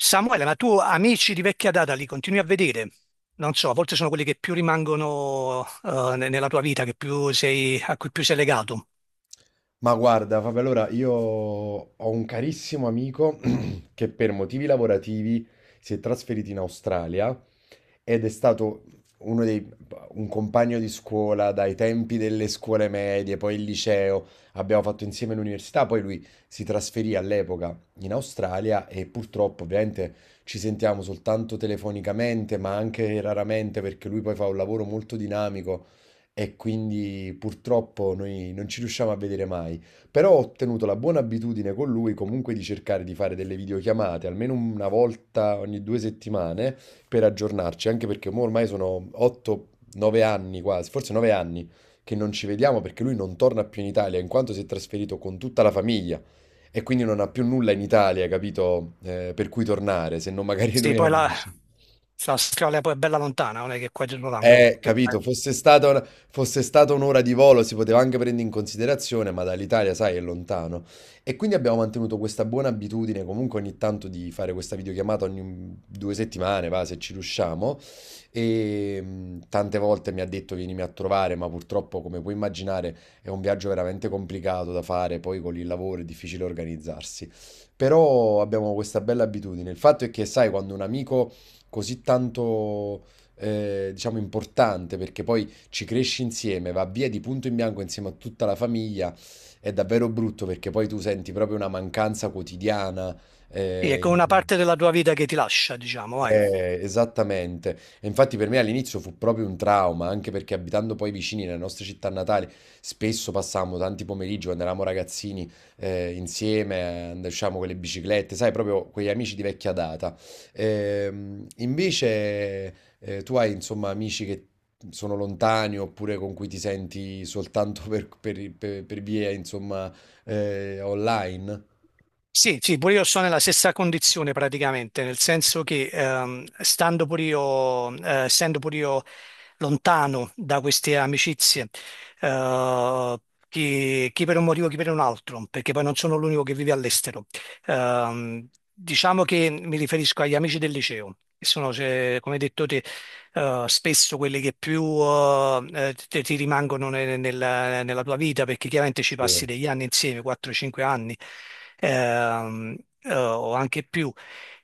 Samuele, ma tu amici di vecchia data li continui a vedere? Non so, a volte sono quelli che più rimangono nella tua vita, che più sei, a cui più sei legato. Ma guarda, Fabio, allora io ho un carissimo amico che per motivi lavorativi si è trasferito in Australia ed è stato uno dei, un compagno di scuola dai tempi delle scuole medie, poi il liceo, abbiamo fatto insieme l'università, poi lui si trasferì all'epoca in Australia e purtroppo ovviamente ci sentiamo soltanto telefonicamente, ma anche raramente perché lui poi fa un lavoro molto dinamico e quindi purtroppo noi non ci riusciamo a vedere mai. Però ho tenuto la buona abitudine con lui comunque di cercare di fare delle videochiamate, almeno una volta ogni 2 settimane per aggiornarci, anche perché mo ormai sono 8-9 anni quasi, forse 9 anni che non ci vediamo perché lui non torna più in Italia, in quanto si è trasferito con tutta la famiglia e quindi non ha più nulla in Italia, capito? Per cui tornare, se non magari Sì, noi amici. la strada poi è bella lontana, non è che è qua dietro l'angolo. Quindi, Capito, fosse stata un'ora di volo si poteva anche prendere in considerazione, ma dall'Italia, sai, è lontano. E quindi abbiamo mantenuto questa buona abitudine comunque ogni tanto di fare questa videochiamata ogni 2 settimane, va, se ci riusciamo. E tante volte mi ha detto vienimi a trovare, ma purtroppo, come puoi immaginare, è un viaggio veramente complicato da fare, poi con il lavoro è difficile organizzarsi. Però abbiamo questa bella abitudine. Il fatto è che, sai, quando un amico così tanto diciamo, importante perché poi ci cresci insieme, va via di punto in bianco insieme a tutta la famiglia, è davvero brutto perché poi tu senti proprio una mancanza quotidiana. sì, è eh, come una parte della tua vita che ti lascia, diciamo, vai. eh, esattamente. E infatti per me all'inizio fu proprio un trauma, anche perché abitando poi vicini nelle nostre città natali, spesso passavamo tanti pomeriggi quando eravamo ragazzini insieme, andavamo con le biciclette, sai, proprio quegli amici di vecchia data. Invece tu hai insomma amici che sono lontani oppure con cui ti senti soltanto per via insomma online? Sì, sì, pure io sono nella stessa condizione praticamente, nel senso che stando pure io, essendo pure io lontano da queste amicizie, eh, chi per un motivo, chi per un altro, perché poi non sono l'unico che vive all'estero. Diciamo che mi riferisco agli amici del liceo, che sono, cioè, come hai detto te, spesso quelli che più ti rimangono nella tua vita, perché chiaramente ci Sì. passi degli anni insieme, 4-5 anni ehm, o anche più.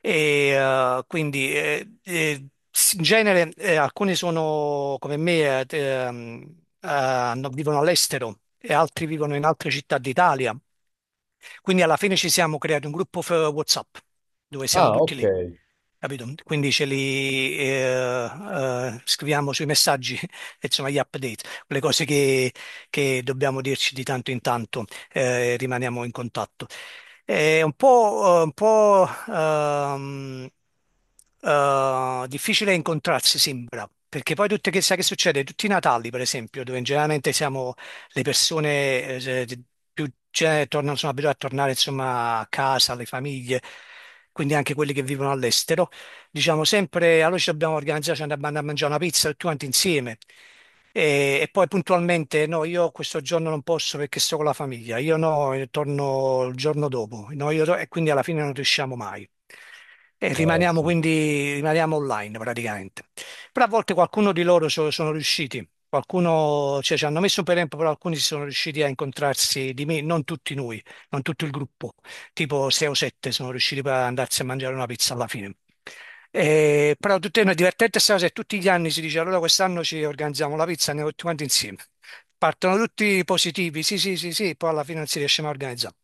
E, quindi s- in genere alcuni sono come me, vivono all'estero e altri vivono in altre città d'Italia, quindi alla fine ci siamo creati un gruppo WhatsApp dove siamo Ah, tutti ok. lì, capito? Quindi ce li scriviamo sui messaggi, insomma, gli update, le cose che dobbiamo dirci di tanto in tanto, rimaniamo in contatto. È un po' difficile incontrarsi, sembra, perché poi tutte che sai che succede? Tutti i Natali, per esempio, dove generalmente siamo le persone tornano, sono abituate a tornare insomma a casa, alle famiglie, quindi anche quelli che vivono all'estero diciamo sempre, allora ci dobbiamo organizzare, ci andiamo a mangiare una pizza tutti quanti insieme. E poi puntualmente, no, io questo giorno non posso perché sto con la famiglia, io no, io torno il giorno dopo, no, io to- e quindi alla fine non riusciamo mai. E Sì. Rimaniamo online praticamente. Però a volte qualcuno di loro sono riusciti, qualcuno, cioè ci hanno messo un po' di tempo, però alcuni si sono riusciti a incontrarsi di me, non tutti noi, non tutto il gruppo, tipo 6 o 7 sono riusciti poi ad andarsi a mangiare una pizza alla fine. Però tutte è una divertente sta cosa e tutti gli anni si dice allora quest'anno ci organizziamo la pizza, andiamo tutti quanti insieme. Partono tutti positivi, sì, sì, sì, sì, poi alla fine non si riesce mai a organizzare.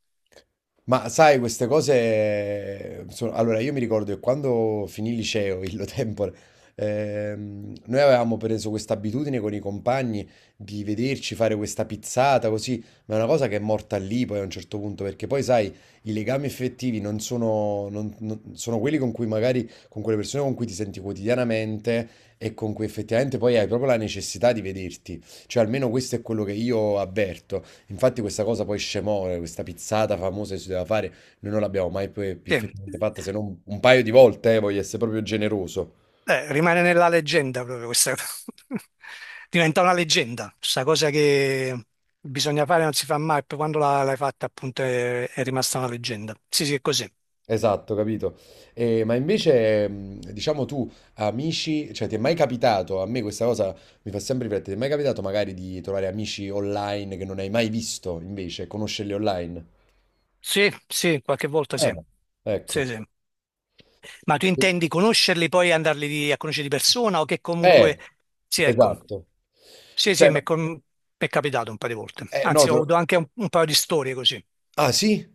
Ma sai, queste cose sono. Allora, io mi ricordo che quando finì il liceo, illo tempore, noi avevamo preso questa abitudine con i compagni di vederci fare questa pizzata così, ma è una cosa che è morta lì poi a un certo punto, perché poi sai, i legami effettivi non sono quelli con cui magari, con quelle persone con cui ti senti quotidianamente e con cui effettivamente poi hai proprio la necessità di vederti. Cioè, almeno questo è quello che io avverto. Infatti questa cosa poi scemore, questa pizzata famosa che si doveva fare, noi non l'abbiamo mai poi più Sì. effettivamente fatta se non un paio di volte, voglio essere proprio generoso. Rimane nella leggenda proprio questa cosa. Diventa una leggenda, questa cosa che bisogna fare non si fa mai, poi quando l'hai fatta appunto è rimasta una leggenda. Sì, sì, è così. Esatto, capito. Ma invece, diciamo tu, amici, cioè ti è mai capitato, a me questa cosa mi fa sempre riflettere, ti è mai capitato magari di trovare amici online che non hai mai visto invece, conoscerli online? Sì, sì, qualche volta sì. Ah, ecco. Sì, sì. Ma tu intendi conoscerli poi e a conoscere di persona o che comunque... Eh, Sì, ecco. esatto. Sì, sì, Cioè, no, mi è capitato un paio di volte. No, Anzi, ho avuto anche un paio di storie così. Ah, sì?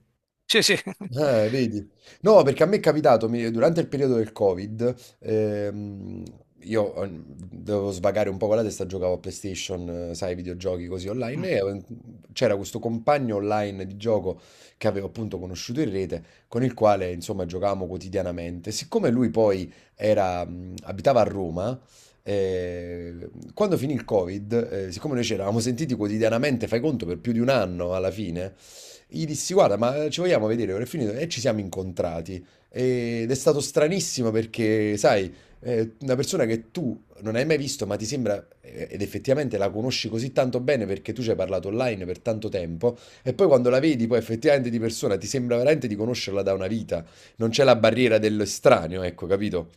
Sì, sì. Vedi? No, perché a me è capitato, durante il periodo del Covid, io dovevo svagare un po' con la testa, giocavo a PlayStation, sai, videogiochi così Mm. online, e c'era questo compagno online di gioco che avevo appunto conosciuto in rete, con il quale insomma giocavamo quotidianamente. Siccome lui poi era, abitava a Roma, quando finì il Covid, siccome noi ci eravamo sentiti quotidianamente, fai conto, per più di un anno alla fine, gli dissi, guarda, ma ci vogliamo vedere, ora è finito. E ci siamo incontrati. Ed è stato stranissimo perché, sai, una persona che tu non hai mai visto, ma ti sembra, ed effettivamente la conosci così tanto bene perché tu ci hai parlato online per tanto tempo, e poi quando la vedi, poi effettivamente di persona, ti sembra veramente di conoscerla da una vita. Non c'è la barriera dell'estraneo, ecco, capito?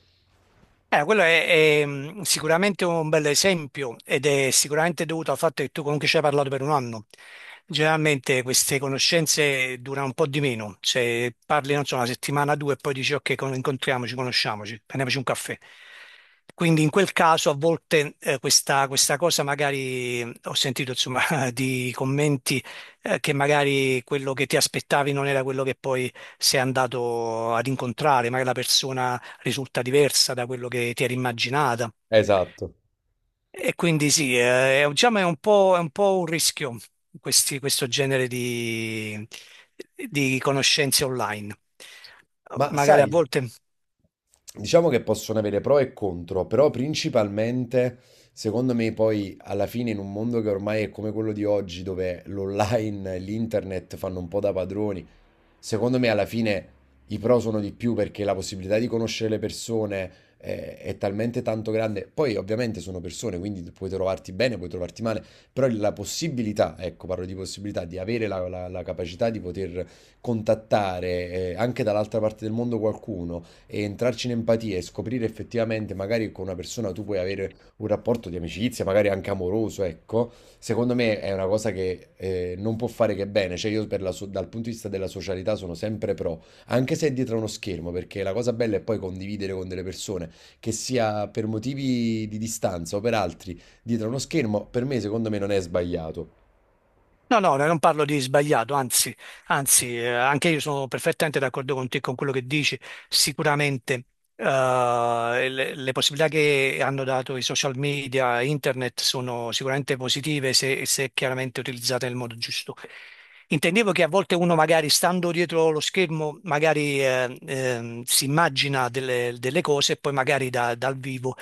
Quello è sicuramente un bel esempio ed è sicuramente dovuto al fatto che tu comunque ci hai parlato per un anno. Generalmente queste conoscenze durano un po' di meno, cioè parli, non so, una settimana, due e poi dici ok, incontriamoci, conosciamoci, prendiamoci un caffè. Quindi in quel caso a volte questa cosa magari ho sentito insomma di commenti che magari quello che ti aspettavi non era quello che poi sei andato ad incontrare, magari la persona risulta diversa da quello che ti eri immaginata. Esatto. E quindi sì, diciamo è è un po' un rischio questo genere di conoscenze online. Ma Magari a sai. volte Diciamo che possono avere pro e contro, però principalmente, secondo me, poi alla fine in un mondo che ormai è come quello di oggi, dove l'online e l'internet fanno un po' da padroni, secondo me alla fine i pro sono di più perché la possibilità di conoscere le persone è, talmente tanto grande. Poi ovviamente sono persone, quindi puoi trovarti bene, puoi trovarti male, però la possibilità, ecco, parlo di possibilità, di avere la capacità di poter contattare anche dall'altra parte del mondo qualcuno e entrarci in empatia e scoprire effettivamente magari con una persona tu puoi avere un rapporto di amicizia, magari anche amoroso, ecco, secondo me è una cosa che non può fare che bene. Cioè, io dal punto di vista della socialità sono sempre pro, anche se è dietro uno schermo, perché la cosa bella è poi condividere con delle persone, che sia per motivi di distanza o per altri, dietro uno schermo, per me, secondo me, non è sbagliato. no, no, no, non parlo di sbagliato, anzi, anzi, anche io sono perfettamente d'accordo con te con quello che dici. Sicuramente, le possibilità che hanno dato i social media, internet, sono sicuramente positive se chiaramente utilizzate nel modo giusto. Intendevo che a volte uno magari stando dietro lo schermo, magari si immagina delle cose e poi magari dal vivo.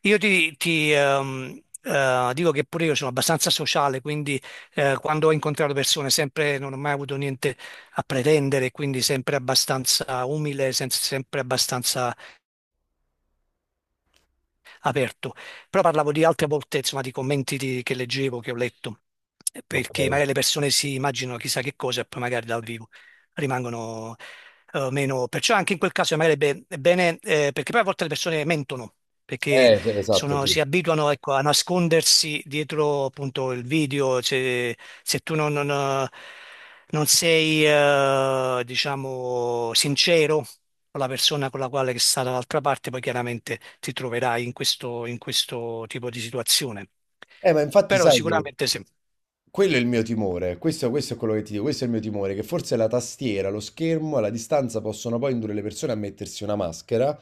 Io ti dico che pure io sono abbastanza sociale, quindi quando ho incontrato persone sempre non ho mai avuto niente a pretendere, quindi sempre abbastanza umile, sempre abbastanza aperto. Però parlavo di altre volte, insomma, di commenti che leggevo, che ho letto, perché Ok. magari le persone si immaginano chissà che cosa e poi magari dal vivo rimangono meno. Perciò anche in quel caso magari è bene, perché poi a volte le persone mentono perché Sì, esatto, sì. si abituano, ecco, a nascondersi dietro appunto il video, cioè, se tu non sei, diciamo, sincero con la persona con la quale che sta dall'altra parte, poi chiaramente ti troverai in in questo tipo di situazione. Ma infatti Però sai che. sicuramente sì. Quello è il mio timore, questo è quello che ti dico, questo è il mio timore, che forse la tastiera, lo schermo, alla distanza possono poi indurre le persone a mettersi una maschera,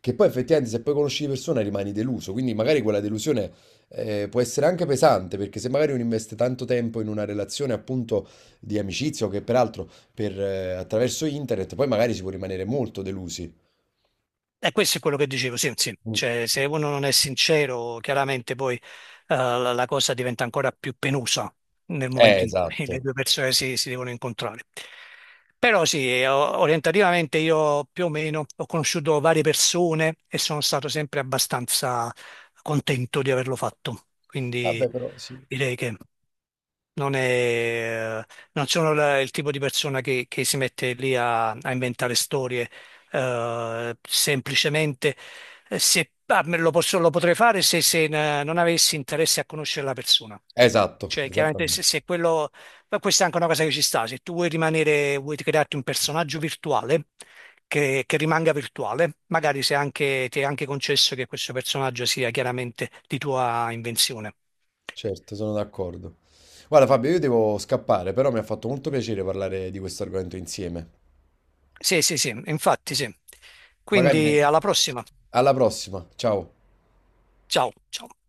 che poi effettivamente se poi conosci di persona rimani deluso, quindi magari quella delusione può essere anche pesante, perché se magari uno investe tanto tempo in una relazione appunto di amicizia o che peraltro attraverso internet, poi magari si può rimanere molto delusi. E questo è quello che dicevo, sì, sì. Mm. Cioè, se uno non è sincero, chiaramente poi la cosa diventa ancora più penosa nel momento in cui le Esatto. due persone si devono incontrare. Però sì, orientativamente io più o meno ho conosciuto varie persone e sono stato sempre abbastanza contento di averlo fatto. Quindi Vabbè, però sì. direi che... Non è, non sono il tipo di persona che si mette lì a inventare storie, semplicemente se, ah, lo potrei fare se, se non avessi interesse a conoscere la persona. Esatto, Cioè, chiaramente se, esattamente. se quello, ma questa è anche una cosa che ci sta, se tu vuoi rimanere, vuoi crearti un personaggio virtuale che rimanga virtuale, magari se anche, ti è anche concesso che questo personaggio sia chiaramente di tua invenzione. Certo, sono d'accordo. Guarda, Fabio, io devo scappare, però mi ha fatto molto piacere parlare di questo argomento insieme. Sì, sì, sì, infatti sì. Magari ne- Quindi alla prossima. alla prossima, ciao. Ciao, ciao.